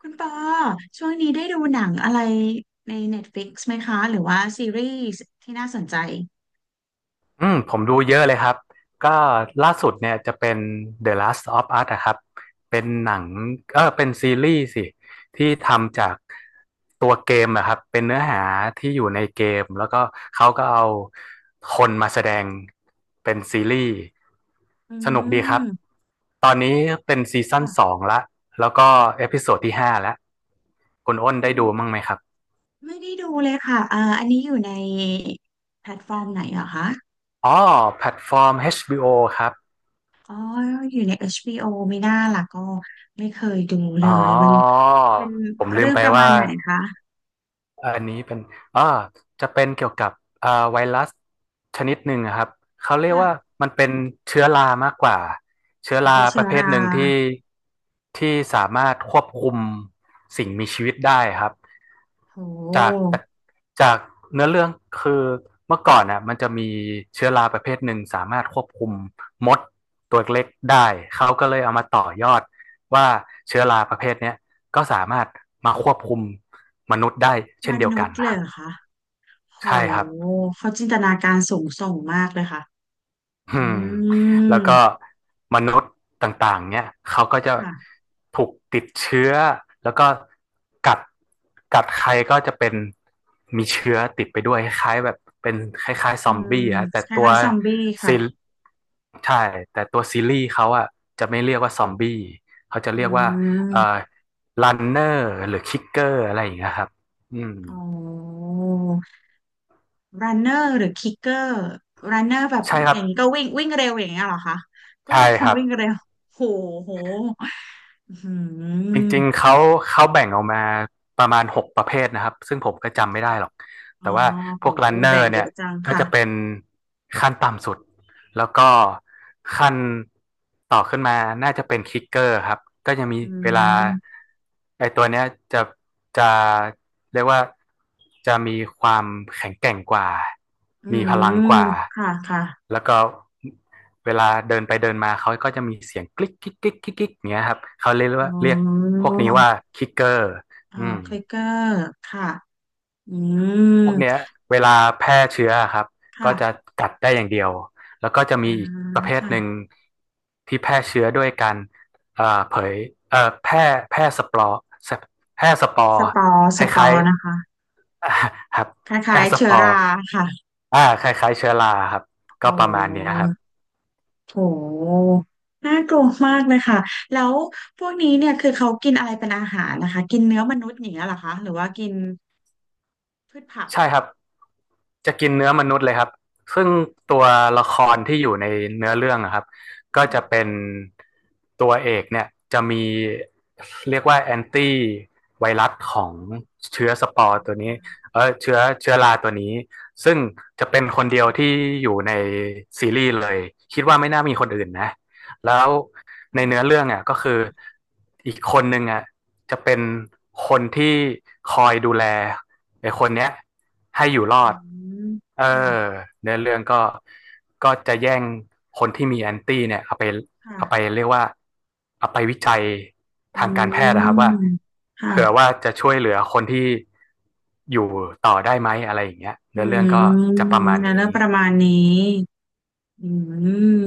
คุณปอช่วงนี้ได้ดูหนังอะไรใน Netflix ไหมคะหรือว่าซีรีส์ที่น่าสนใจอืมผมดูเยอะเลยครับก็ล่าสุดเนี่ยจะเป็น The Last of Us นะครับเป็นหนังเป็นซีรีส์สิที่ทำจากตัวเกมนะครับเป็นเนื้อหาที่อยู่ในเกมแล้วก็เขาก็เอาคนมาแสดงเป็นซีรีส์อืสนุกดีครับมตอนนี้เป็นซีซั่นสค่ะองละแล้วก็เอพิโซดที่ห้าแล้วคุณอ้นได้ดูมั้งไหมครับไม่ได้ดูเลยค่ะอันนี้อยู่ในแพลตฟอร์มไหนเหรอคะอ๋อแพลตฟอร์ม HBO ครับ อ๋ออยู่ใน HBO ไม่น่าล่ะก็ไม่เคยดูเลอ๋อ ยมันเป็นผมลืเรื่มองไปประมาว่า ณไหนคะอันนี้เป็นอ่าจะเป็นเกี่ยวกับไวรัสชนิดหนึ่งอะครับเขาเรียกค่ะว่ามันเป็นเชื้อรามากกว่าเชื้อเอาราเป็นปเชื้อระเภทราหนึ่งที่สามารถควบคุมสิ่งมีชีวิตได้ครับโจากหจากเนื้อเรื่องคือเมื่อก่อนน่ะมันจะมีเชื้อราประเภทหนึ่งสามารถควบคุมมดตัวเล็กได้เขาก็เลยเอามาต่อยอดว่าเชื้อราประเภทเนี้ยก็สามารถมาควบคุม มนุษย์ได้มเช่นเดียวนุกัษนย์เลนะคยรัเหบรอคะโหใช่ครับเขาจินตนาการสูงส่งมากเลยค่ะอือืมมแล้วก็มนุษย์ต่างๆเนี่ยเขาก็จะค่ะ ถูกติดเชื้อแล้วก็กัดใครก็จะเป็นมีเชื้อติดไปด้วยคล้ายๆแบบเป็นคล้ายๆซอือมมบี้ฮะแต่คตัวล้ายๆซอมบี้ค่ะซีใช่แต่ตัวซีรีส์เขาอะจะไม่เรียกว่าซอมบี้เขาจะอืเรียกว่าเอ่อมรันเนอร์หรือคิกเกอร์อะไรอย่างเงี้ยครับอืมอ๋อรันเนอร์หรือคิกเกอร์รันเนอร์แบบใช่ครัอบย่างนี้ก็วิ่งวิ่งเร็วอย่างเงี้ยเหรอคะก็ยัใช่งคคงรับ วิ่งเร็วโหโหอืจริงมๆเขาแบ่งออกมาประมาณหกประเภทนะครับซึ่งผมก็จำไม่ได้หรอกอ๋อแต่ว่าพโหวกรันเนอแบ่งร์เยเนี่ยอะจังก็ค่ะจะเป็นขั้นต่ำสุด แล้วก็ขั้นต่อขึ้นมาน่าจะเป็นคิกเกอร์ครับก็จะมีอืเวลามไอ้ตัวเนี้ยจะจะเรียกว่าจะมีความแข็งแกร่งกว่าอืมีพลังมกว่าค่ะค่ะแล้วก็เวลาเดินไปเดินมาเขาก็จะมีเสียงกลิ๊กกิ๊กกิ๊กกิ๊กอย่างเงี้ยครับเขาเรียกว่าอ๋เรียกอพวกนี้ว่าคิกเกอร์อ๋ออืม คลิกเกอร์ค่ะอืมพวกเนี้ยเวลาแพร่เชื้ออะครับก็ค่ะจะกัดได้อย่างเดียวแล้วก็จะมีอ่าอีกประเภทค่ะหนึ่งที่แพร่เชื้อด้วยการเอ่อเผยเอ่อแพร่แพร่สปอร์แพร่สปอสร์ปอร์คสปอล้ายร์นะคะๆ อ่าครับคแพร่ล้ายๆสเชื้ปออร์ราค่ะ อ่าคล้ายๆเชื้อราครับอ๋ก็อประมาณเนี้ยครับ โห น่ากลัวมากเลยค่ะ แล้วพวกนี้เนี่ยคือเขากินอะไรเป็นอาหารนะคะ กินเนื้อมนุษย์อย่างเงี้ยเหรอคะหรือว่ากินพืชผักใช่ครับจะกินเนื้อมนุษย์เลยครับซึ่งตัวละคอืรที่อมยู่ในเนื้อเรื่องอะครับก็จะค่เป็นตัวเอกเนี่ยจะมีเรียกว่าแอนตี้ไวรัสของเชื้อสปอร์ตัวนี้เชื้อราตัวนี้ซึ่งจะเป็นคนเดียวะที่อยู่ในซีรีส์เลยคิดว่าไม่น่ามีคนอื่นนะแล้ว ในเนื้อเรื่องอ่ะก็คืออีกคนหนึงอ่ะจะเป็นคนที่คอยดูแลไอ้คนเนี้ยให้อยู่อืรอดมเอค่ะอเนื้อเรื่องก็จะแย่งคนที่มีแอนตี้เนี่ยเอาไปค่ะเรียกว่าเอาไปวิจัยอืทางการแพทย์มนะครับว่าค่ะค่ะอืมเผื่อว่าค่ะจะช่วยเหลือคนที่อยู่ต่อได้ไหมอะไรอย่างเงี้ยอืเนื้อเรื่องก็จะประมมาณแล้นี้วประมาณนี้อืม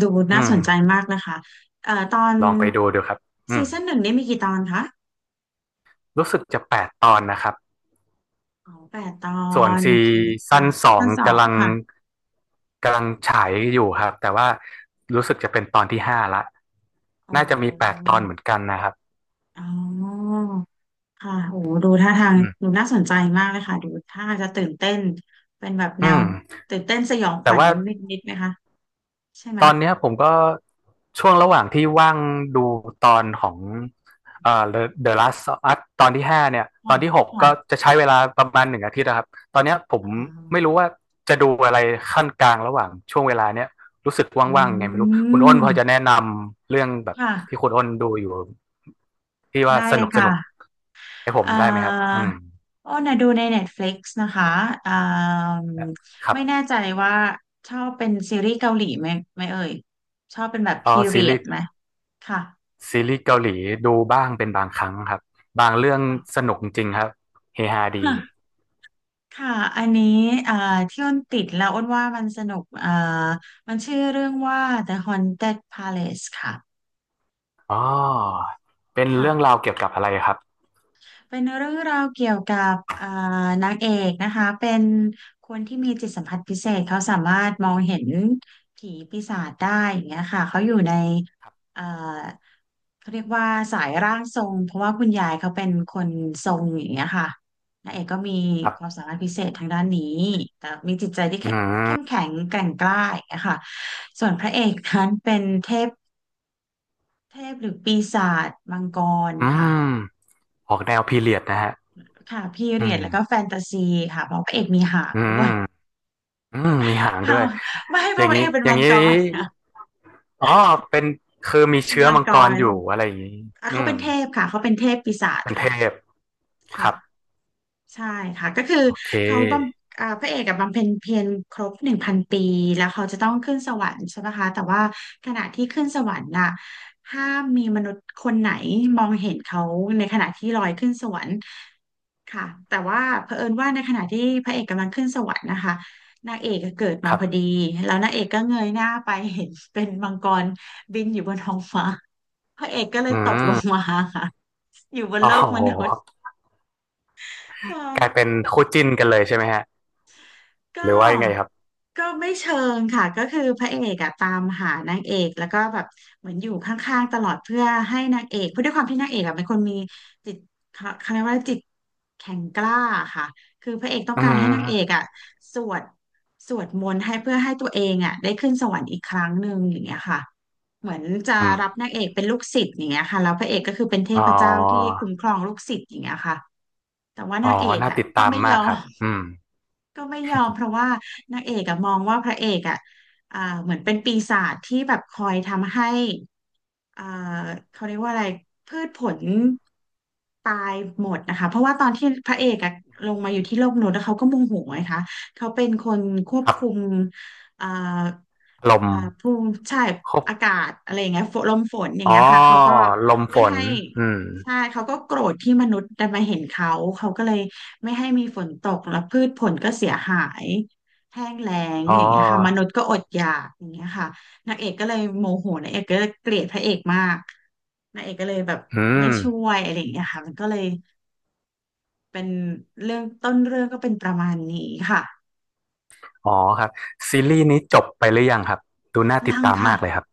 ดูอืน่าสมนใจมากนะคะตอนลองไปดูดูครับอืซีมซั่นหนึ่งนี่มีกี่ตอนคะรู้สึกจะแปดตอนนะครับ อ๋อแปดตอส่วนน ซีโอเคซั่ค่ะนสซีองซั่นสองค่ะ กำลังฉายอยู่ครับแต่ว่ารู้สึกจะเป็นตอนที่ห้าละอ๋อน่าจะมีแปดตอนเหมือนกันนะครับอ๋อค่ะโหดูท่าทางอืดูมน่าสนใจมากเลยค่ะ ดูท่าทางจะตื่นเต้น เป็นแบบแนอืวมตื่นเต้นสยองขแต่วัญว่า นิดๆไหมคะ ใช่ไหมตอนเนี้ยผมก็ช่วงระหว่างที่ว่างดูตอนของThe Last of Us ตอนที่ห้าเนี่ยตค่ะอนที่หกก็ค่ะจะใช้เวลาประมาณหนึ่งอาทิตย์นะครับตอนเนี้ยผมอ๋ไม่อรู้ว่าจะดูอะไรขั้นกลางระหว่างช่วงเวลาเนี้ยรู้สึกอืว่างๆยังไงไม่รู้คุณอ้นพอจะมแนะนำเรื่องแบบค่ะ ที่คุณอ้นดูอยู่ที่ว่าได้สเลนุยกสค่ะนุกให้ผมเอ่ได้ไหมครับออืมอ้นนะดูใน Netflix นะคะเอ่าครับไม่แน่ใจว่าชอบเป็นซีรีส์เกาหลีไหมเอ่ย ชอบเป็นแบบอ๋อพีซีเรียรีดส์ ไหม ค่ะซีรีส์เกาหลีดูบ้างเป็นบางครั้งครับบางเรื่องคสนุกจริงครับเฮฮาดี่ะ ค่ะ อันนี้อ่าที่อ้นติดแล้วอ้นว่ามันสนุกมันชื่อเรื่องว่า The Haunted Palace ค่ะอ๋อเป็นค่ะ เรื่องราวเกี่ยวกับอะไรครับเป็นเรื่องราวเกี่ยวกับนางเอกนะคะเป็นคนที่มีจิตสัมผัสพิเศษเขาสามารถมองเห็นผีปีศาจได้อย่างเงี้ยค่ะเขาอยู่ในเอ่าเขาเรียกว่าสายร่างทรงเพราะว่าคุณยายเขาเป็นคนทรงอย่างเงี้ยค่ะนางเอกก็มีครัความบสามารถพิเศษทางด้านนี้แต่มีจิตใจที่อืแข็งเข้มมแข็งแกร่งกล้าอย่างเงี้ยค่ะส่วนพระเอกนั้นเป็นเทพเทพหรือปีศาจมังกรอืค่ะ มออกแนวพีเรียดนะฮะค่ะพีอืเรียดมแล้วก็แฟนตาซีค่ะเพราะพระเอกมีหางอืด้มวย อืมมีหาง ด้ค่ะวยไม่เพอย่าราะงพระนี้เอกเป็นอย่างมังนี้กรนะอ๋อเป็นคือมีเป็นเชื้อมังมังกกรรอยู่อะไรอย่างนี้อ่ะอืเขาเป็มนเทพค่ะเขาเป็นเทพปีศาจเป็นเทค่ะพคค่ะ รับใช่ค่ะก็คือโอเคเขาบำพระเอกกับบำเพ็ญเพียรครบ1,000 ปีแล้วเขาจะต้องขึ้นสวรรค์ใช่ไหมคะแต่ว่าขณะที่ขึ้นสวรรค์น่ะห้ามมีมนุษย์คนไหนมองเห็นเขาในขณะที่ลอยขึ้นสวรรค์ค่ะแต่ว่าเผอิญว่าในขณะที่พระเอกกำลังขึ้นสวรรค์นะคะนางเอกก็เกิดมาครัพอดีบแล้วนางเอกก็เงยหน้าไปเห็นเป็นมังกรบินอยู่บนท้องฟ้า พระเอกก็เลยอืตกลมงมาค่ะอยู่บนอ๋โลกมนุษย์อค่ะกลายเป็นคู่จิ้นกันเลยใช่ไหมฮะหก็ รือว่ายังไงครับไม่เชิงค่ะก็คือพระเอกอะตามหานางเอกแล้วก็แบบเหมือนอยู่ข้างๆตลอดเพื่อให้นางเอกเพราะด้วยความที่นางเอกอะเป็นคนมีจิตเขาเรียกว่าจิตแข็งกล้าค่ะคือพระเอกต้องอืการให้นางเอกม อะสวดสวดมนต์ให้เพื่อให้ตัวเองอะได้ขึ้นสวรรค์อีกครั้งหนึ่งอย่างเงี้ยค่ะเหมือนจะอืมรับนางเอกเป็นลูกศิษย์อย่างเงี้ยค่ะแล้วพระเอกก็คือเป็นเทอ๋อพเจ้าที่คุ้มครองลูกศิษย์อย่างเงี้ยค่ะแต่ว่านาอ๋องเอกน่าอะติดก็ตามไม่ยมาอกครัม บอืมไม่ยอมเพราะว่านางเอกอะมองว่าพระเอกอะอ่าเหมือนเป็นปีศาจที่แบบคอยทำให้อ่าเขาเรียกว่าอะไรพืชผลตายหมดนะคะเพราะว่าตอนที่พระเอกอะลงมาอยู่ที่โลกมนุษย์แล้วเขาก็โมโหไงคะเขาเป็นคนควบครัคุมบอ่าลมภูมิใช่ครบอากาศอะไรอย่างเงี้ยฝนลมฝนอย่างอ๋เงี้อยค่ะเขาก็ลมฝไม่นให้ อืมใช่เขาก็โกรธที่มนุษย์ได้มาเห็นเขาเขาก็เลยไม่ให้มีฝนตกแล้วพืชผลก็เสียหายแห้งแล้งอ๋อย่างเงี้ยค่ะมนุอษย์ก็อดอยากอย่างเงี้ยค่ะนางเอกก็เลยโมโหนางเอกก็เลยเกลียดพระเอกมากนางเอกก็เลยแบบอืไม่มช่วยอะไรอย่างเงี้ยค่ะมันก็เลยเป็นเรื่องต้นเรื่องก็เป็นประมาณนี้ค่ะอ๋อครับซีรีส์นี้จบไปหรือยังครับดูน่าติดยังตามค่ะมากเลยครับ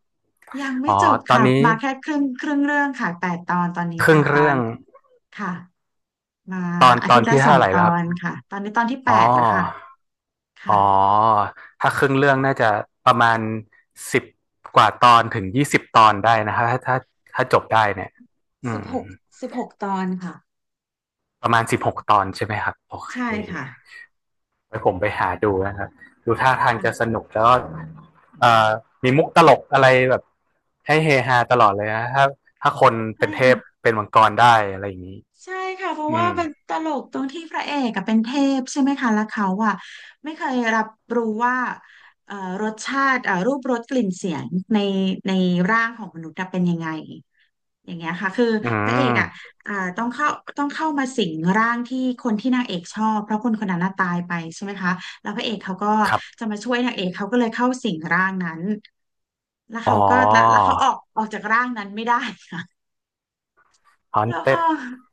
ยังไม่อ๋อจบตอนค่ะนี้มาแค่ครึ่งเรื่องค่ะแปดตอนตอนนี้คแปรึ่งดตอเรื่อนงค่ะมาตอนอาทิตย์ละที่สอเท่างไหร่ตอแล้วครันบ ค่ะตอนนี้ตอนที่แปอ๋อดแล้วค่ะ อ๋อค่ะถ้าครึ่งเรื่องน่าจะประมาณสิบกว่าตอนถึงยี่สิบตอนได้นะครับถ้าจบได้เนี่ยอืสิบม หก16 ตอนค่ะประมาณสิบหกตอนใช่ไหมครับโอเคใช่ค่ะไว้ผมไปหาดูนะครับดูท่าทางจะสค่ะนุกแล้วก็เอ่อมีมุกตลกอะไรแบบให้เฮฮาตลอดเลยนะถ้าคนใช่เป็นเทค่ะพเป็นมังกรได้อะไรอย่างนี้ใช่ค่ะเพราะอืว่ามมันตลกตรงที่พระเอกอะเป็นเทพใช่ไหมคะแล้วเขาอะไม่เคยรับรู้ว่าเอ่อรสชาติรูปรสกลิ่นเสียงในในร่างของมนุษย์อะเป็นยังไง อย่างเงี้ยค่ะคืออืพระเอกอ่ะมต้องเข้าต้องเข้ามาสิงร่างที่คนที่นางเอกชอบเพราะคนคนนั้นน่ะตายไปใช่ไหมคะแล้วพระเอกเขาก็ครับจะมาช่วยนางเอกเขาก็เลยเข้าสิงร่างนั้นแล้วอ๋อ เขาก็แล้วเขาออกจากร่างนั้นไม่ได้ค่ะแล้วพอ Haunted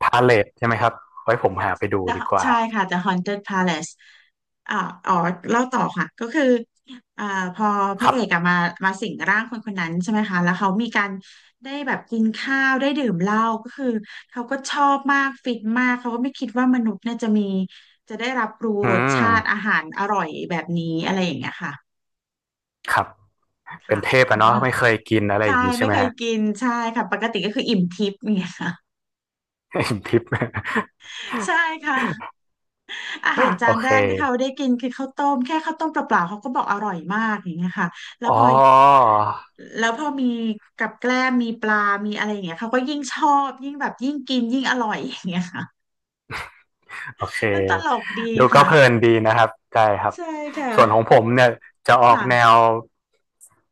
Palace ใช่ไหมครับไว้ผมหาไปดู ดี กว่าใช่ค่ะ The Haunted Palace อ่าอ๋อเล่าต่อค่ะก็คืออ่าพอพคระรัเอกอะบมามาสิงร่างคนคนนั้นใช่ไหมคะแล้วเขามีการได้แบบกินข้าวได้ดื่มเหล้าก็คือเขาก็ชอบมากฟินมากเขาก็ไม่คิดว่ามนุษย์เนี่ยจะมีจะได้รับรู้อืรสชาติอามหารอร่อยแบบนี้อะไรอย่างเงี้ยค่ะครับเป็นค่ะเทพเขาอะก็เนาะไม่เคยกินอะไรอใช่ย่างนี้ใช่ไม่ไหมเคยฮะ กินใช่ค่ะปกติก็คืออิ่มทิพย์เนี่ยค่ะ ทิป ใช่ค่ะ อาหารโอจานเคแรกที่เขาได้กินคือข้าวต้มแค่ข้าวต้มเปล่าๆเขาก็บอกอร่อยมากอย่างเงี้ยค่ะแล้วพอ๋อ อแล้วพอมีกับแกล้มมีปลามีอะไรอย่างเงี้ยเขาก็ยิ่งชอบยิ่งแบบยิ่งกินยิ่งอร่อยอย่างเงี้ยค่ะโอเคมันตลกดีดูก็ค่ะเพลินดีนะครับใช่ครับใช่ค่ะส่วนของผมเนี่ยจะออกแนวค่ะ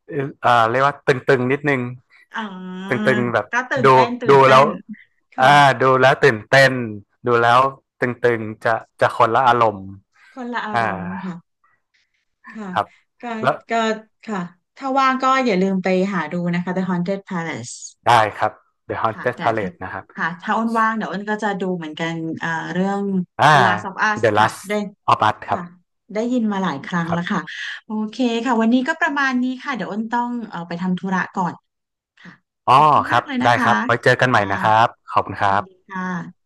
เรียกว่าตึงๆนิดนึงอ๋อตึงๆแบบก็ตื่นดูเต้นตื่นดูเต้แล้วนค่ะอ่าดูแล้วตื่นเต้นดูแล้วตึงๆจะคนละอารมณ์คนละอาอ่ารมณ์ค่ะค่ะครับก็แล้วก็ค่ะถ้าว่างก็อย่าลืมไปหาดูนะคะ The Haunted Palace ได้ครับ The ค่ะ Haunted แต่ถ้า Palace นะครับค่ะถ้าอ้นว่างเดี๋ยวอ้นก็จะดูเหมือนกันเอ่อเรื่อง อ่า The Last of Us The ค่ะ Last ได้ of Us ครัค่ะบได้ยินมาหลายครั้งครัแล้วค่ะบโอเคค่ะวันนี้ก็ประมาณนี้ค่ะเดี๋ยวอ้นต้องไปทำธุระก่อนค่ะอ๋อขอบคุณคมารักบเลยนะได้คคะรับไว้เจอกันใหม่ค่ะนะครับขอบคุณคยิรันดีบค่ะ